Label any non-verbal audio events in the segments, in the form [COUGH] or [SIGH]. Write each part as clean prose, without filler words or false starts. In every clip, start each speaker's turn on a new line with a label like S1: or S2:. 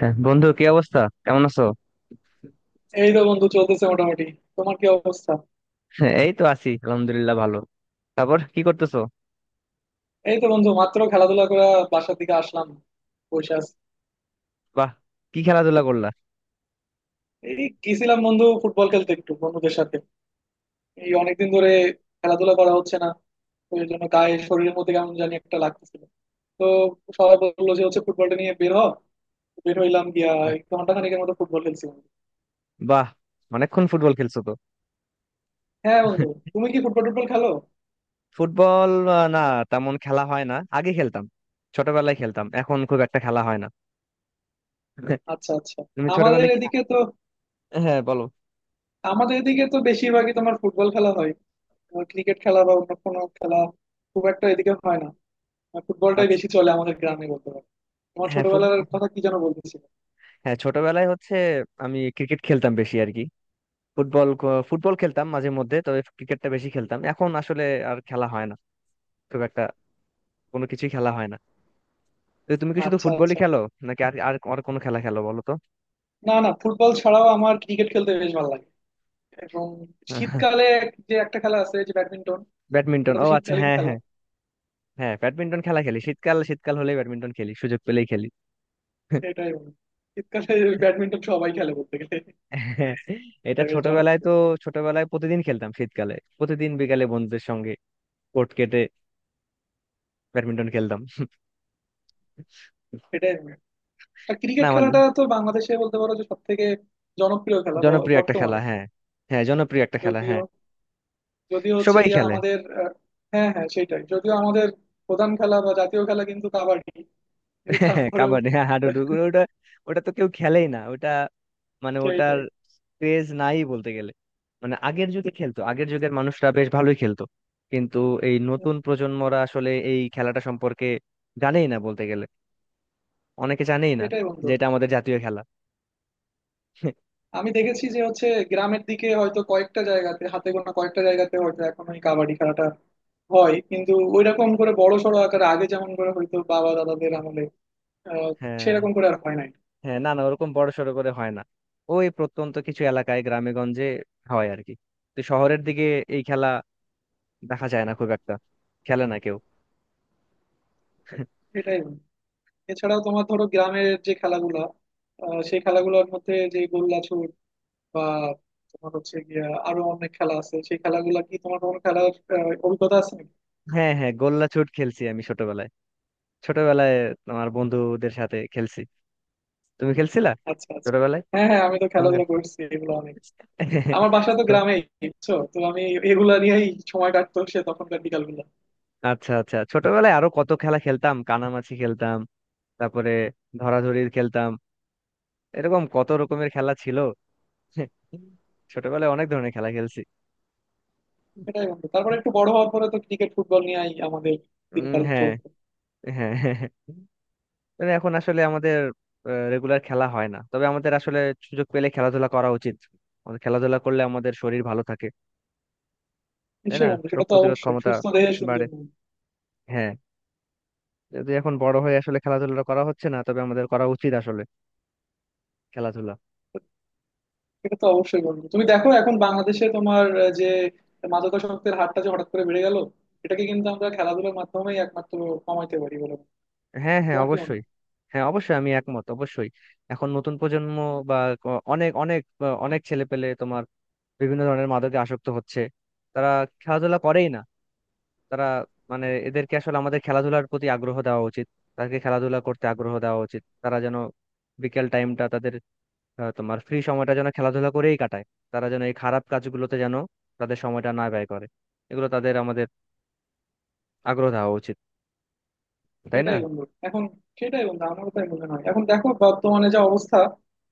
S1: হ্যাঁ, বন্ধু, কি অবস্থা? কেমন আছো? [LAUGHS]
S2: এই তো বন্ধু, চলতেছে মোটামুটি। তোমার কি অবস্থা?
S1: হ্যাঁ, এই তো আছি, আলহামদুলিল্লাহ, ভালো। তারপর কি করতেছো?
S2: এই তো বন্ধু, মাত্র খেলাধুলা করে বাসার দিকে আসলাম, বসে আছি।
S1: বাহ। কি খেলাধুলা করলা?
S2: এই গেছিলাম বন্ধু ফুটবল খেলতে একটু বন্ধুদের সাথে। এই অনেকদিন ধরে খেলাধুলা করা হচ্ছে না, তো এই জন্য গায়ে শরীরের মধ্যে কেমন জানি একটা লাগতেছিল। তো সবাই বললো যে হচ্ছে ফুটবলটা নিয়ে বের হ। তো বের হইলাম গিয়া এক ঘন্টা খানেকের মতো ফুটবল খেলছি বন্ধু।
S1: বাহ, অনেকক্ষণ ফুটবল খেলছো তো।
S2: হ্যাঁ বন্ধু, তুমি কি ফুটবল টুটবল খেলো?
S1: ফুটবল না, তেমন খেলা হয় না, আগে খেলতাম। ছোটবেলায় খেলতাম, এখন খুব একটা খেলা হয় না। [LAUGHS]
S2: আচ্ছা আচ্ছা।
S1: তুমি
S2: আমাদের
S1: ছোটবেলায়
S2: এদিকে তো,
S1: হ্যাঁ, বলো।
S2: আমাদের এদিকে তো বেশিরভাগই তোমার ফুটবল খেলা হয়, ক্রিকেট খেলা বা অন্য কোনো খেলা খুব একটা এদিকে হয় না। আর ফুটবলটাই
S1: আচ্ছা।
S2: বেশি চলে আমাদের গ্রামে বলতে পারো। আমার
S1: হ্যাঁ,
S2: ছোটবেলার
S1: ফুটবল।
S2: কথা কি যেন বলতেছিল।
S1: হ্যাঁ, ছোটবেলায় হচ্ছে আমি ক্রিকেট খেলতাম বেশি আর কি। ফুটবল ফুটবল খেলতাম মাঝে মধ্যে, তবে ক্রিকেটটা বেশি খেলতাম। এখন আসলে আর খেলা হয় না খুব একটা, কোনো কিছুই খেলা হয় না। তো তুমি কি শুধু
S2: আচ্ছা
S1: ফুটবলই
S2: আচ্ছা।
S1: খেলো, নাকি আর আর আর কোনো খেলা খেলো বলো তো?
S2: না না, ফুটবল ছাড়াও আমার ক্রিকেট খেলতে বেশ ভালো লাগে, এবং
S1: [LAUGHS]
S2: শীতকালে যে একটা খেলা আছে যে ব্যাডমিন্টন।
S1: ব্যাডমিন্টন,
S2: এটা
S1: ও
S2: তো
S1: আচ্ছা,
S2: শীতকালীন
S1: হ্যাঁ
S2: খেলা,
S1: হ্যাঁ। হ্যাঁ, ব্যাডমিন্টন খেলা খেলি, শীতকাল শীতকাল হলেই ব্যাডমিন্টন খেলি, সুযোগ পেলেই খেলি। [LAUGHS]
S2: এটাই মনে হয়। শীতকালে ব্যাডমিন্টন সবাই খেলে বলতে গেলে।
S1: হ্যাঁ, এটা
S2: এটা বেশ
S1: ছোটবেলায় তো,
S2: জনপ্রিয়,
S1: ছোটবেলায় প্রতিদিন খেলতাম। শীতকালে প্রতিদিন বিকালে বন্ধুদের সঙ্গে কোর্ট কেটে ব্যাডমিন্টন খেলতাম।
S2: এটাই মনে হয়। আর
S1: না,
S2: ক্রিকেট
S1: আমাদের
S2: খেলাটা তো বাংলাদেশে বলতে পারো যে সব থেকে জনপ্রিয় খেলা
S1: জনপ্রিয় একটা খেলা,
S2: বর্তমানে।
S1: হ্যাঁ। হ্যাঁ, জনপ্রিয় একটা খেলা,
S2: যদিও,
S1: হ্যাঁ।
S2: যদিও হচ্ছে
S1: সবাই
S2: গিয়া
S1: খেলে।
S2: আমাদের হ্যাঁ হ্যাঁ সেটাই, যদিও আমাদের প্রধান খেলা বা জাতীয় খেলা কিন্তু কাবাডি,
S1: [LAUGHS]
S2: কিন্তু
S1: হ্যাঁ,
S2: তারপরেও
S1: কাবাডি, হ্যাঁ,
S2: আহ,
S1: হাডুডু। ওটা, ওটা তো কেউ খেলেই না ওটা, মানে ওটার
S2: সেইটাই।
S1: ক্রেজ নাই বলতে গেলে। মানে আগের যুগে খেলতো, আগের যুগের মানুষরা বেশ ভালোই খেলতো, কিন্তু এই
S2: হুম,
S1: নতুন প্রজন্মরা আসলে এই খেলাটা সম্পর্কে জানেই না বলতে গেলে। অনেকে জানেই না
S2: সেটাই বন্ধু।
S1: যে এটা আমাদের জাতীয় খেলা। [LAUGHS]
S2: আমি দেখেছি যে হচ্ছে গ্রামের দিকে হয়তো কয়েকটা জায়গাতে, হাতে গোনা কয়েকটা জায়গাতে হয়তো এখন ওই কাবাডি খেলাটা হয়, কিন্তু ওইরকম করে বড় সড়ো আকারে আগে যেমন করে হয়তো বাবা দাদাদের আমলে আহ
S1: হ্যাঁ
S2: সেরকম করে আর হয় নাই।
S1: হ্যাঁ, না না, ওরকম বড় সড়ো করে হয় না। ওই প্রত্যন্ত কিছু এলাকায় গ্রামে গঞ্জে হয় আর কি। তো শহরের দিকে এই খেলা দেখা যায় না খুব একটা, খেলে না কেউ। [LAUGHS]
S2: সেটাই বন্ধু। এছাড়াও তোমার ধরো গ্রামের যে খেলাগুলা, সেই খেলাগুলোর মধ্যে যে গোল্লা বা তোমার হচ্ছে গিয়া আরো অনেক খেলা আছে, সেই খেলাগুলা কি, তোমার কোনো খেলার অভিজ্ঞতা আছে নাকি?
S1: হ্যাঁ হ্যাঁ, গোল্লা ছুট খেলছি আমি ছোটবেলায়। ছোটবেলায় আমার বন্ধুদের সাথে খেলছি। তুমি খেলছিলা
S2: আচ্ছা আচ্ছা।
S1: ছোটবেলায়?
S2: হ্যাঁ হ্যাঁ, আমি তো
S1: তোমার
S2: খেলাধুলা করছি এগুলো অনেক। আমার বাসা তো
S1: তো
S2: গ্রামে, বুঝছো তো। আমি এগুলা নিয়েই সময় কাটতো সে তখনকার বিকাল গুলা।
S1: আচ্ছা আচ্ছা, ছোটবেলায় আরো কত খেলা খেলতাম, কানামাছি খেলতাম, তারপরে ধরাধরি খেলতাম, এরকম কত রকমের খেলা ছিল। ছোটবেলায় অনেক ধরনের খেলা খেলছি।
S2: সেটাই বন্ধু, তারপরে একটু বড় হওয়ার পরে তো ক্রিকেট ফুটবল নিয়েই আমাদের দিনকাল
S1: হ্যাঁ।
S2: চলতো।
S1: হ্যাঁ হ্যাঁ, হ্যাঁ। তবে এখন আসলে আমাদের রেগুলার খেলা হয় না, তবে আমাদের আসলে সুযোগ পেলে খেলাধুলা করা উচিত। আমাদের খেলাধুলা করলে আমাদের শরীর ভালো থাকে, তাই না?
S2: নিশ্চয়ই বন্ধু, সেটা
S1: রোগ
S2: তো
S1: প্রতিরোধ
S2: অবশ্যই,
S1: ক্ষমতা
S2: সুস্থ দেহে সুন্দর
S1: বাড়ে।
S2: মন।
S1: হ্যাঁ, যদি এখন বড় হয়ে আসলে খেলাধুলা করা হচ্ছে না, তবে আমাদের করা উচিত আসলে খেলাধুলা।
S2: সেটা তো অবশ্যই বন্ধু, তুমি দেখো এখন বাংলাদেশে তোমার যে মাদকাসক্তের হারটা যে হঠাৎ করে বেড়ে গেল, এটাকে কিন্তু আমরা খেলাধুলার মাধ্যমেই একমাত্র কমাইতে পারি বলে মনে হয়।
S1: হ্যাঁ হ্যাঁ,
S2: তোমার কি মনে
S1: অবশ্যই।
S2: হয়?
S1: হ্যাঁ, অবশ্যই আমি একমত, অবশ্যই। এখন নতুন প্রজন্ম, বা অনেক অনেক অনেক ছেলেপেলে তোমার বিভিন্ন ধরনের মাদকে আসক্ত হচ্ছে। তারা খেলাধুলা করেই না। তারা, মানে এদেরকে আসলে আমাদের খেলাধুলার প্রতি আগ্রহ দেওয়া উচিত। তাদেরকে খেলাধুলা করতে আগ্রহ দেওয়া উচিত, তারা যেন বিকেল টাইমটা তাদের, তোমার ফ্রি সময়টা যেন খেলাধুলা করেই কাটায়। তারা যেন এই খারাপ কাজগুলোতে যেন তাদের সময়টা না ব্যয় করে। এগুলো তাদের আমাদের আগ্রহ দেওয়া উচিত, তাই না?
S2: সেটাই বন্ধু। এখন সেটাই বন্ধু, আমারও তাই মনে হয়। এখন দেখো বর্তমানে যা অবস্থা,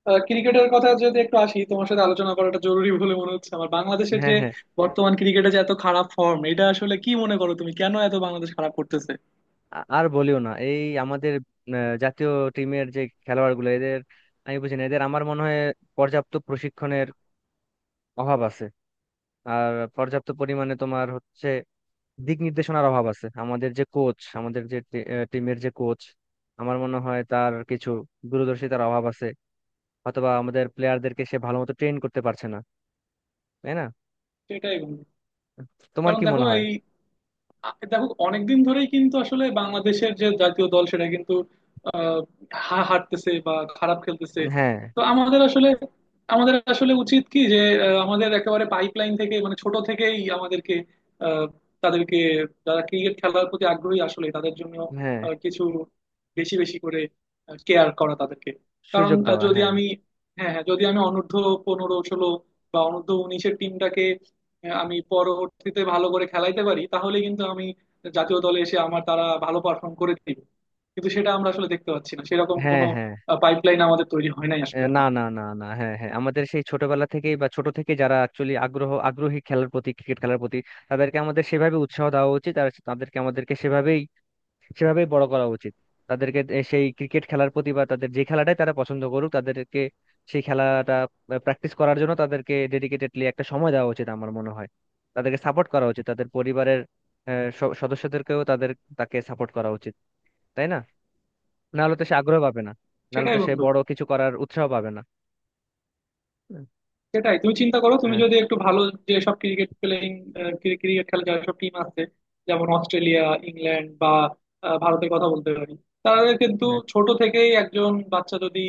S2: ক্রিকেটের কথা যদি একটু আসি, তোমার সাথে আলোচনা করাটা জরুরি বলে মনে হচ্ছে আমার। বাংলাদেশের
S1: হ্যাঁ
S2: যে
S1: হ্যাঁ।
S2: বর্তমান ক্রিকেটে যে এত খারাপ ফর্ম, এটা আসলে কি মনে করো তুমি, কেন এত বাংলাদেশ খারাপ করতেছে?
S1: আর বলিও না, এই আমাদের জাতীয় টিমের যে খেলোয়াড় গুলো এদের, আমি বুঝি না এদের, আমার মনে হয় পর্যাপ্ত প্রশিক্ষণের অভাব আছে। আর পর্যাপ্ত পরিমাণে তোমার হচ্ছে দিক নির্দেশনার অভাব আছে। আমাদের যে কোচ, আমাদের যে টিমের যে কোচ, আমার মনে হয় তার কিছু দূরদর্শিতার অভাব আছে, অথবা আমাদের প্লেয়ারদেরকে সে ভালো মতো ট্রেন করতে পারছে না। তাই না?
S2: সেটাই বন্ধু।
S1: তোমার
S2: কারণ
S1: কি
S2: দেখো
S1: মনে হয়?
S2: এই দেখো, অনেকদিন ধরেই কিন্তু আসলে বাংলাদেশের যে জাতীয় দল সেটা কিন্তু আহ, হারতেছে বা খারাপ খেলতেছে।
S1: হ্যাঁ
S2: তো আমাদের আসলে, আমাদের আসলে উচিত কি, যে আমাদের একেবারে পাইপলাইন থেকে মানে ছোট থেকেই আমাদেরকে আহ, তাদেরকে, যারা ক্রিকেট খেলার প্রতি আগ্রহী আসলে তাদের জন্য
S1: হ্যাঁ,
S2: কিছু বেশি বেশি করে কেয়ার করা তাদেরকে। কারণ
S1: সুযোগ দেওয়া,
S2: যদি
S1: হ্যাঁ।
S2: আমি, হ্যাঁ হ্যাঁ, যদি আমি অনূর্ধ্ব 15 16 বা অনূর্ধ্ব 19-এর টিমটাকে, হ্যাঁ, আমি পরবর্তীতে ভালো করে খেলাইতে পারি, তাহলে কিন্তু আমি জাতীয় দলে এসে আমার তারা ভালো পারফর্ম করে দিবে। কিন্তু সেটা আমরা আসলে দেখতে পাচ্ছি না, সেরকম
S1: হ্যাঁ
S2: কোনো
S1: হ্যাঁ।
S2: পাইপলাইন আমাদের তৈরি হয় নাই আসলে
S1: না,
S2: এখন।
S1: না, না, না, হ্যাঁ হ্যাঁ, আমাদের সেই ছোটবেলা থেকেই বা ছোট থেকে যারা অ্যাকচুয়ালি আগ্রহী খেলার প্রতি, ক্রিকেট খেলার প্রতি তাদেরকে আমাদের সেভাবে উৎসাহ দেওয়া উচিত। আর তাদেরকে আমাদেরকে সেভাবেই সেভাবেই বড় করা উচিত। তাদেরকে সেই ক্রিকেট খেলার প্রতি বা তাদের যে খেলাটাই তারা পছন্দ করুক তাদেরকে সেই খেলাটা প্র্যাকটিস করার জন্য তাদেরকে ডেডিকেটেডলি একটা সময় দেওয়া উচিত আমার মনে হয়। তাদেরকে সাপোর্ট করা উচিত, তাদের পরিবারের সদস্যদেরকেও, তাদের তাকে সাপোর্ট করা উচিত, তাই না? নাহলে তো সে আগ্রহ পাবে না, নাহলে
S2: সেটাই
S1: তো সে
S2: বন্ধু,
S1: বড় কিছু করার উৎসাহ পাবে না।
S2: সেটাই। তুমি চিন্তা করো, তুমি
S1: হ্যাঁ
S2: যদি একটু ভালো যে সব ক্রিকেট প্লেয়িং, ক্রিকেট খেলা যেসব টিম আছে, যেমন অস্ট্রেলিয়া, ইংল্যান্ড বা ভারতের কথা বলতে পারি, তাদের কিন্তু
S1: হ্যাঁ।
S2: ছোট থেকেই একজন বাচ্চা যদি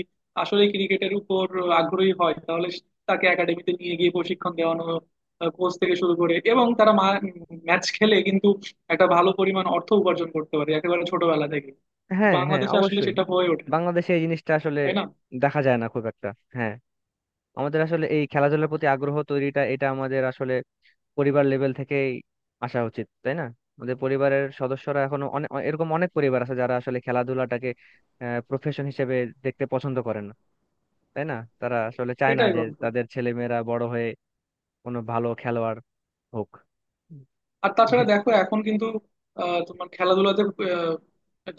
S2: আসলে ক্রিকেটের উপর আগ্রহী হয়, তাহলে তাকে একাডেমিতে নিয়ে গিয়ে প্রশিক্ষণ দেওয়ানো, কোচ থেকে শুরু করে, এবং তারা ম্যাচ খেলে কিন্তু একটা ভালো পরিমাণ অর্থ উপার্জন করতে পারে একেবারে ছোটবেলা থেকে।
S1: হ্যাঁ হ্যাঁ,
S2: বাংলাদেশে আসলে
S1: অবশ্যই।
S2: সেটা হয়ে ওঠে না,
S1: বাংলাদেশে এই জিনিসটা আসলে
S2: তাই না?
S1: দেখা যায় না খুব একটা। হ্যাঁ, আমাদের আসলে এই খেলাধুলার প্রতি আগ্রহ তৈরিটা এটা আমাদের আসলে পরিবার লেভেল থেকেই আসা উচিত, তাই না? আমাদের পরিবারের সদস্যরা, এখনো অনেক এরকম অনেক পরিবার আছে যারা আসলে খেলাধুলাটাকে প্রফেশন হিসেবে দেখতে পছন্দ করে না, তাই না? তারা আসলে চায় না
S2: সেটাই
S1: যে
S2: বন্ধু।
S1: তাদের ছেলেমেয়েরা বড় হয়ে কোনো ভালো খেলোয়াড় হোক।
S2: আর তাছাড়া দেখো
S1: [LAUGHS]
S2: এখন কিন্তু তোমার খেলাধুলাতে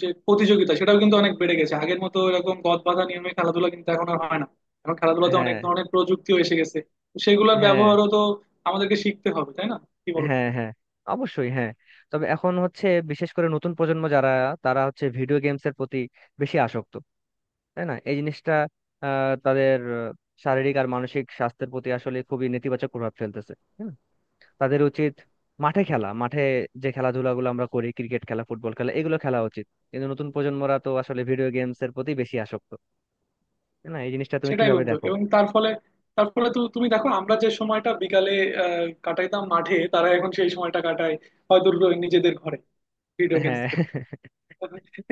S2: যে প্রতিযোগিতা সেটাও কিন্তু অনেক বেড়ে গেছে, আগের মতো এরকম গদ বাঁধা নিয়মে খেলাধুলা কিন্তু এখন আর হয় না। এখন খেলাধুলাতে অনেক
S1: হ্যাঁ
S2: ধরনের প্রযুক্তিও এসে গেছে, তো সেগুলোর
S1: হ্যাঁ
S2: ব্যবহারও তো আমাদেরকে শিখতে হবে, তাই না? কি বলো তুমি?
S1: হ্যাঁ হ্যাঁ, অবশ্যই, হ্যাঁ। তবে এখন হচ্ছে বিশেষ করে নতুন প্রজন্ম যারা, তারা হচ্ছে ভিডিও গেমস এর প্রতি বেশি আসক্ত, তাই না? এই জিনিসটা তাদের শারীরিক আর মানসিক স্বাস্থ্যের প্রতি আসলে খুবই নেতিবাচক প্রভাব ফেলতেছে। হুম, তাদের উচিত মাঠে খেলা, মাঠে যে খেলাধুলাগুলো আমরা করি, ক্রিকেট খেলা ফুটবল খেলা এগুলো খেলা উচিত। কিন্তু নতুন প্রজন্মরা তো আসলে ভিডিও গেমস এর প্রতি বেশি আসক্ত, তাই না? এই জিনিসটা তুমি
S2: সেটাই
S1: কিভাবে
S2: বন্ধু।
S1: দেখো?
S2: এবং তার ফলে, তার ফলে তো তুমি দেখো, আমরা যে সময়টা বিকালে কাটাইতাম মাঠে, তারা এখন সেই সময়টা কাটায় হয়তো নিজেদের ঘরে ভিডিও গেমস
S1: হ্যাঁ।
S2: খেলে।
S1: [LAUGHS]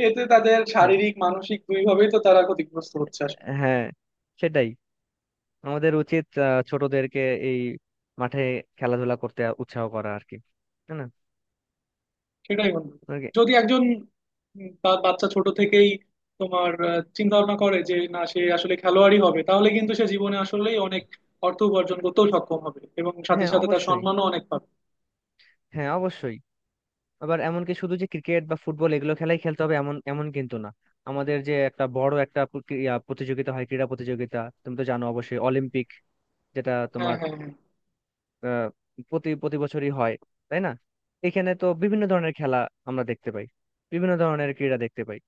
S2: এতে তাদের শারীরিক মানসিক দুইভাবেই তো তারা ক্ষতিগ্রস্ত হচ্ছে।
S1: হ্যাঁ, সেটাই। আমাদের উচিত ছোটদেরকে এই মাঠে খেলাধুলা করতে উৎসাহ করা আর কি, তাই না?
S2: সেটাই বন্ধু।
S1: আর
S2: যদি একজন তার বাচ্চা ছোট থেকেই তোমার চিন্তা ভাবনা করে যে না, সে আসলে খেলোয়াড়ই হবে, তাহলে কিন্তু সে জীবনে আসলেই অনেক অর্থ উপার্জন করতেও সক্ষম হবে, এবং সাথে
S1: হ্যাঁ,
S2: সাথে তার
S1: অবশ্যই।
S2: সম্মানও অনেক পাবে।
S1: হ্যাঁ, অবশ্যই। আবার এমনকি শুধু যে ক্রিকেট বা ফুটবল এগুলো খেলাই খেলতে হবে এমন, কিন্তু না। আমাদের যে একটা বড় একটা প্রতিযোগিতা হয়, ক্রীড়া প্রতিযোগিতা, তুমি তো জানো অবশ্যই, অলিম্পিক, যেটা
S2: হ্যাঁ
S1: তোমার,
S2: হ্যাঁ হ্যাঁ।
S1: আহ, প্রতি প্রতি বছরই হয়, তাই না? এখানে তো বিভিন্ন ধরনের খেলা আমরা দেখতে পাই, বিভিন্ন ধরনের ক্রীড়া দেখতে পাই।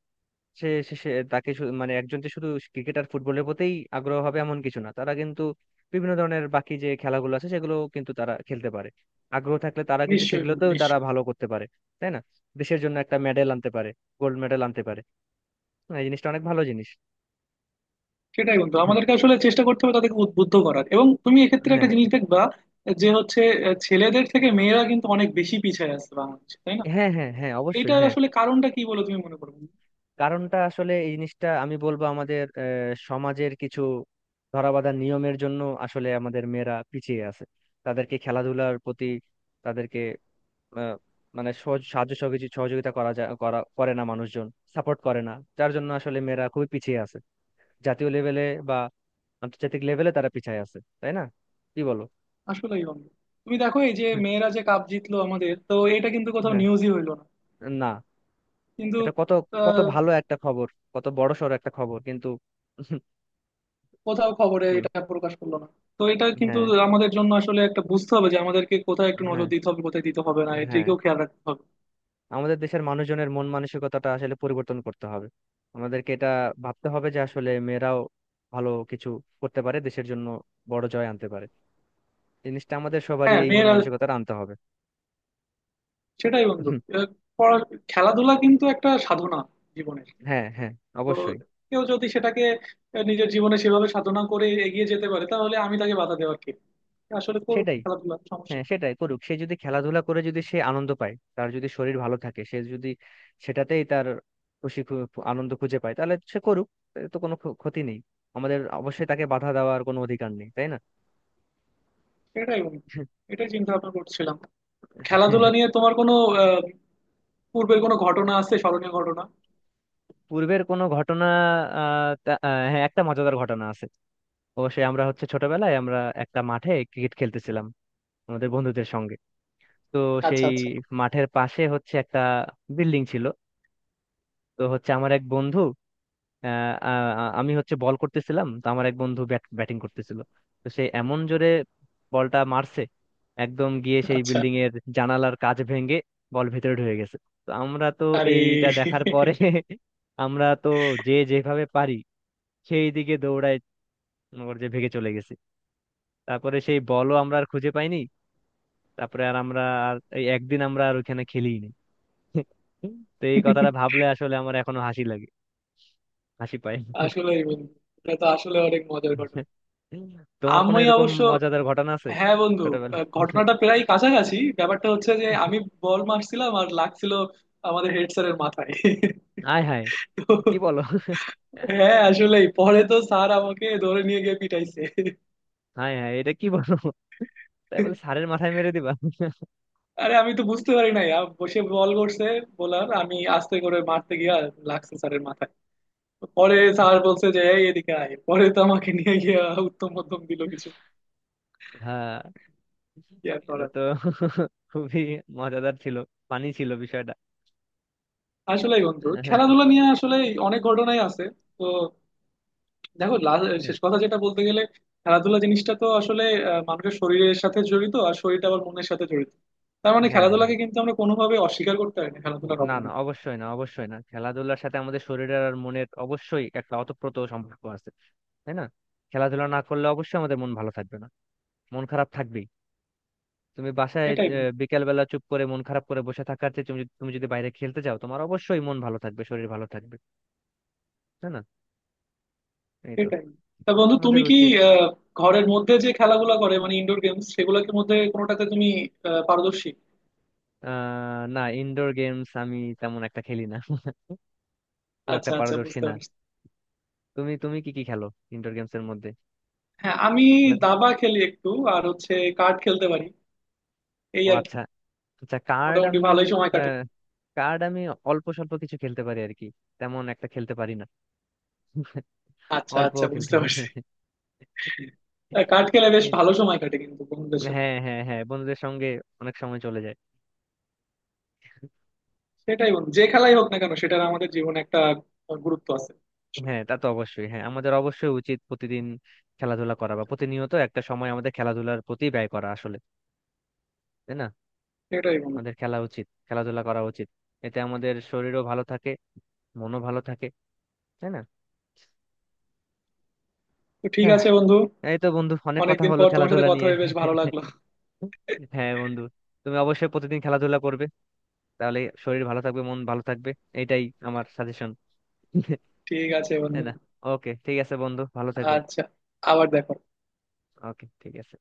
S1: সে সে- সে তাকে মানে একজন যে শুধু ক্রিকেট আর ফুটবলের প্রতিই আগ্রহ হবে এমন কিছু না, তারা কিন্তু বিভিন্ন ধরনের বাকি যে খেলাগুলো আছে সেগুলো কিন্তু তারা খেলতে পারে। আগ্রহ থাকলে তারা কিন্তু
S2: নিশ্চয়ই বন্ধু,
S1: সেগুলোতেও তারা
S2: নিশ্চয়ই।
S1: ভালো করতে পারে, তাই না? দেশের জন্য একটা মেডেল আনতে পারে, গোল্ড মেডেল আনতে পারে। হ্যাঁ, এই জিনিসটা অনেক ভালো জিনিস।
S2: সেটাই বন্ধু, আমাদেরকে আসলে চেষ্টা করতে হবে তাদেরকে উদ্বুদ্ধ করার, এবং তুমি এক্ষেত্রে
S1: হ্যাঁ
S2: একটা জিনিস দেখবা, যে হচ্ছে ছেলেদের থেকে মেয়েরা কিন্তু অনেক বেশি পিছিয়ে আছে বাংলাদেশে, তাই না?
S1: হ্যাঁ হ্যাঁ হ্যাঁ, অবশ্যই,
S2: এটার
S1: হ্যাঁ।
S2: আসলে কারণটা কি বলে তুমি মনে করো?
S1: কারণটা আসলে এই জিনিসটা আমি বলবো আমাদের সমাজের কিছু ধরাবাঁধা নিয়মের জন্য আসলে আমাদের মেয়েরা পিছিয়ে আছে। তাদেরকে খেলাধুলার প্রতি তাদেরকে, আহ, মানে সহজ সাহায্য সহযোগিতা করা যায়, করা করে না মানুষজন, সাপোর্ট করে না, যার জন্য আসলে মেয়েরা খুবই পিছিয়ে আছে, জাতীয় লেভেলে বা আন্তর্জাতিক লেভেলে তারা পিছিয়ে আছে, তাই না? কি বলো?
S2: আসলেই বন্ধু। তুমি দেখো, এই যে
S1: হ্যাঁ,
S2: মেয়েরা যে কাপ জিতলো আমাদের, তো এটা কিন্তু কোথাও
S1: হ্যাঁ,
S2: নিউজই হইলো না।
S1: না।
S2: কিন্তু
S1: এটা কত, কত
S2: আহ,
S1: ভালো একটা খবর, কত বড়সড় একটা খবর কিন্তু। [LAUGHS]
S2: কোথাও খবরে
S1: কি
S2: এটা প্রকাশ করলো না। তো এটা কিন্তু
S1: হ্যাঁ
S2: আমাদের জন্য আসলে একটা, বুঝতে হবে যে আমাদেরকে কোথায় একটু নজর
S1: হ্যাঁ।
S2: দিতে হবে, কোথায় দিতে হবে না,
S1: হ্যাঁ,
S2: এদিকেও খেয়াল রাখতে হবে।
S1: আমাদের দেশের মানুষজনের মন মানসিকতাটা আসলে পরিবর্তন করতে হবে। আমাদেরকে এটা ভাবতে হবে যে আসলে মেয়েরাও ভালো কিছু করতে পারে দেশের জন্য, বড় জয় আনতে পারে। জিনিসটা আমাদের সবারই
S2: হ্যাঁ
S1: এই মন
S2: মেয়েরা,
S1: মানসিকতাটা আনতে হবে।
S2: সেটাই বন্ধু।
S1: হুম,
S2: আহ, খেলাধুলা কিন্তু একটা সাধনা জীবনের।
S1: হ্যাঁ হ্যাঁ,
S2: তো
S1: অবশ্যই।
S2: কেউ যদি সেটাকে নিজের জীবনে সেভাবে সাধনা করে এগিয়ে যেতে পারে, তাহলে আমি তাকে বাধা দেওয়ার কে? আসলে করুক
S1: সেটাই।
S2: খেলাধুলা, সমস্যা
S1: হ্যাঁ,
S2: কি?
S1: সেটাই করুক, সে যদি খেলাধুলা করে, যদি সে আনন্দ পায়, তার যদি শরীর ভালো থাকে, সে যদি সেটাতেই তার আনন্দ খুঁজে পায়, তাহলে সে করুক। এতে তো কোনো ক্ষতি নেই। আমাদের অবশ্যই তাকে বাধা দেওয়ার কোনো অধিকার নেই, তাই না?
S2: সেটাই বন্ধু। এটাই চিন্তা ভাবনা করছিলাম, খেলাধুলা নিয়ে
S1: [LAUGHS]
S2: তোমার কোনো আহ, পূর্বের কোনো ঘটনা আছে, স্মরণীয় ঘটনা?
S1: পূর্বের কোনো ঘটনা, হ্যাঁ, একটা মজাদার ঘটনা আছে অবশ্যই। আমরা হচ্ছে ছোটবেলায় আমরা একটা মাঠে ক্রিকেট খেলতেছিলাম, আমাদের বন্ধুদের সঙ্গে। তো
S2: আচ্ছা
S1: সেই
S2: আচ্ছা।
S1: মাঠের পাশে হচ্ছে একটা বিল্ডিং ছিল। তো হচ্ছে আমার এক বন্ধু, আহ, আ- আ- আমি হচ্ছে বল করতেছিলাম, তো আমার এক বন্ধু ব্যাট ব্যাটিং করতেছিল। তো সে এমন জোরে বলটা মারছে, একদম গিয়ে সেই
S2: আচ্ছা।
S1: বিল্ডিং এর জানালার কাচ ভেঙে বল ভেতরে ঢুকে গেছে। তো আমরা তো
S2: আরে!
S1: এইটা দেখার পরে [LAUGHS] আমরা তো যে যেভাবে পারি সেই দিকে দৌড়ায়, মনে যে ভেগে চলে গেছি। তারপরে সেই বলও আমরা আর খুঁজে পাইনি, তারপরে আর আমরা আর এই একদিন আমরা আর ওখানে খেলি। তো এই কথাটা ভাবলে আসলে আমার এখনো হাসি লাগে, হাসি পায়।
S2: আসলেই বন্ধু, এটা তো আসলে অনেক মজার ঘটনা।
S1: তোমার কোনো
S2: আমি
S1: এরকম
S2: অবশ্য,
S1: মজাদার ঘটনা আছে
S2: হ্যাঁ বন্ধু,
S1: ছোটবেলা?
S2: ঘটনাটা প্রায় কাছাকাছি। ব্যাপারটা হচ্ছে যে, আমি বল মারছিলাম আর লাগছিল আমাদের হেড স্যারের মাথায়।
S1: আয় হায়,
S2: তো
S1: কি বলো?
S2: হ্যাঁ, আসলেই পরে তো স্যার আমাকে ধরে নিয়ে গিয়ে পিটাইছে।
S1: হায় হায়, এটা কি বলো? তাই বলে সারের মাথায় মেরে দিবা?
S2: আরে আমি তো বুঝতে পারি নাই, বসে বল করছে, বলার আমি আস্তে করে মারতে গিয়া লাগছে স্যারের মাথায়। পরে স্যার বলছে যে এই এদিকে আয়, পরে তো আমাকে নিয়ে গিয়া উত্তম মধ্যম দিল কিছু।
S1: হ্যাঁ।
S2: কি আর
S1: এটা
S2: করার।
S1: তো খুবই মজাদার ছিল, ফানি ছিল বিষয়টা।
S2: আসলে বন্ধু খেলাধুলা নিয়ে আসলে অনেক ঘটনাই আছে। তো দেখো শেষ কথা যেটা বলতে গেলে, খেলাধুলা জিনিসটা তো আসলে মানুষের শরীরের সাথে জড়িত, আর শরীরটা আবার মনের সাথে জড়িত। তার মানে
S1: হ্যাঁ হ্যাঁ,
S2: খেলাধুলাকে কিন্তু আমরা কোনোভাবে অস্বীকার করতে পারি না, খেলাধুলার
S1: না
S2: অবদান।
S1: না, অবশ্যই না, অবশ্যই না। খেলাধুলার সাথে আমাদের শরীরের আর মনের অবশ্যই একটা অতপ্রত সম্পর্ক আছে, তাই না? খেলাধুলা না করলে অবশ্যই আমাদের মন ভালো থাকবে না, মন খারাপ থাকবেই। তুমি বাসায়
S2: এটাই বন্ধু।
S1: বিকেল বেলা চুপ করে মন খারাপ করে বসে থাকার চেয়ে তুমি তুমি যদি বাইরে খেলতে যাও, তোমার অবশ্যই মন ভালো থাকবে, শরীর ভালো থাকবে, তাই না? এই তো।
S2: সেটাই। তা
S1: তাই না?
S2: বন্ধু,
S1: আমাদের
S2: তুমি কি
S1: উচিত,
S2: আহ, ঘরের মধ্যে যে খেলাগুলো করে মানে ইনডোর গেমস, সেগুলোর মধ্যে কোনোটাতে তুমি পারদর্শী?
S1: না, ইনডোর গেমস আমি তেমন একটা খেলি না। [LAUGHS] খুব একটা
S2: আচ্ছা আচ্ছা,
S1: পারদর্শী
S2: বুঝতে
S1: না।
S2: পারছি।
S1: তুমি তুমি কি কি খেলো ইনডোর গেমস এর মধ্যে?
S2: হ্যাঁ আমি
S1: লাগ-
S2: দাবা খেলি একটু, আর হচ্ছে কার্ড খেলতে পারি, এই
S1: ও
S2: আর কি।
S1: আচ্ছা। আচ্ছা, কার্ড
S2: মোটামুটি
S1: আমি,
S2: ভালোই সময় কাটে।
S1: আহ, কার্ড আমি অল্প স্বল্প কিছু খেলতে পারি আর কি, তেমন একটা খেলতে পারি না। [LAUGHS]
S2: আচ্ছা
S1: অল্প
S2: আচ্ছা,
S1: খেলতে
S2: বুঝতে পারছি।
S1: পারি। [LAUGHS]
S2: কার্ড খেলে বেশ
S1: এই-
S2: ভালো সময় কাটে কিন্তু বন্ধুদের সাথে।
S1: হ্যাঁ হ্যাঁ হ্যাঁ, বন্ধুদের সঙ্গে অনেক সময় চলে যায়।
S2: সেটাই বন্ধু, যে খেলাই হোক না কেন সেটার আমাদের জীবনে একটা গুরুত্ব আছে আসলে।
S1: হ্যাঁ, তা তো অবশ্যই, হ্যাঁ, আমাদের অবশ্যই উচিত প্রতিদিন খেলাধুলা করা বা প্রতিনিয়ত একটা সময় আমাদের খেলাধুলার প্রতি ব্যয় করা আসলে, তাই না?
S2: সেটাই বন্ধু।
S1: আমাদের খেলা উচিত, খেলাধুলা করা উচিত, এতে আমাদের শরীরও ভালো থাকে, মনও ভালো থাকে, তাই না?
S2: তো ঠিক
S1: হ্যাঁ,
S2: আছে বন্ধু,
S1: এই তো বন্ধু, অনেক কথা
S2: অনেকদিন
S1: হলো
S2: পর তোমার সাথে
S1: খেলাধুলা
S2: কথা
S1: নিয়ে।
S2: হয়ে বেশ ভালো লাগলো। [LAUGHS]
S1: হ্যাঁ বন্ধু, তুমি অবশ্যই প্রতিদিন খেলাধুলা করবে, তাহলে শরীর ভালো থাকবে, মন ভালো থাকবে, এটাই আমার সাজেশন,
S2: ঠিক আছে
S1: তাই
S2: বন্ধু।
S1: না? ওকে, ঠিক আছে বন্ধু, ভালো থেকো।
S2: আচ্ছা, আবার দেখো।
S1: ওকে, ঠিক আছে।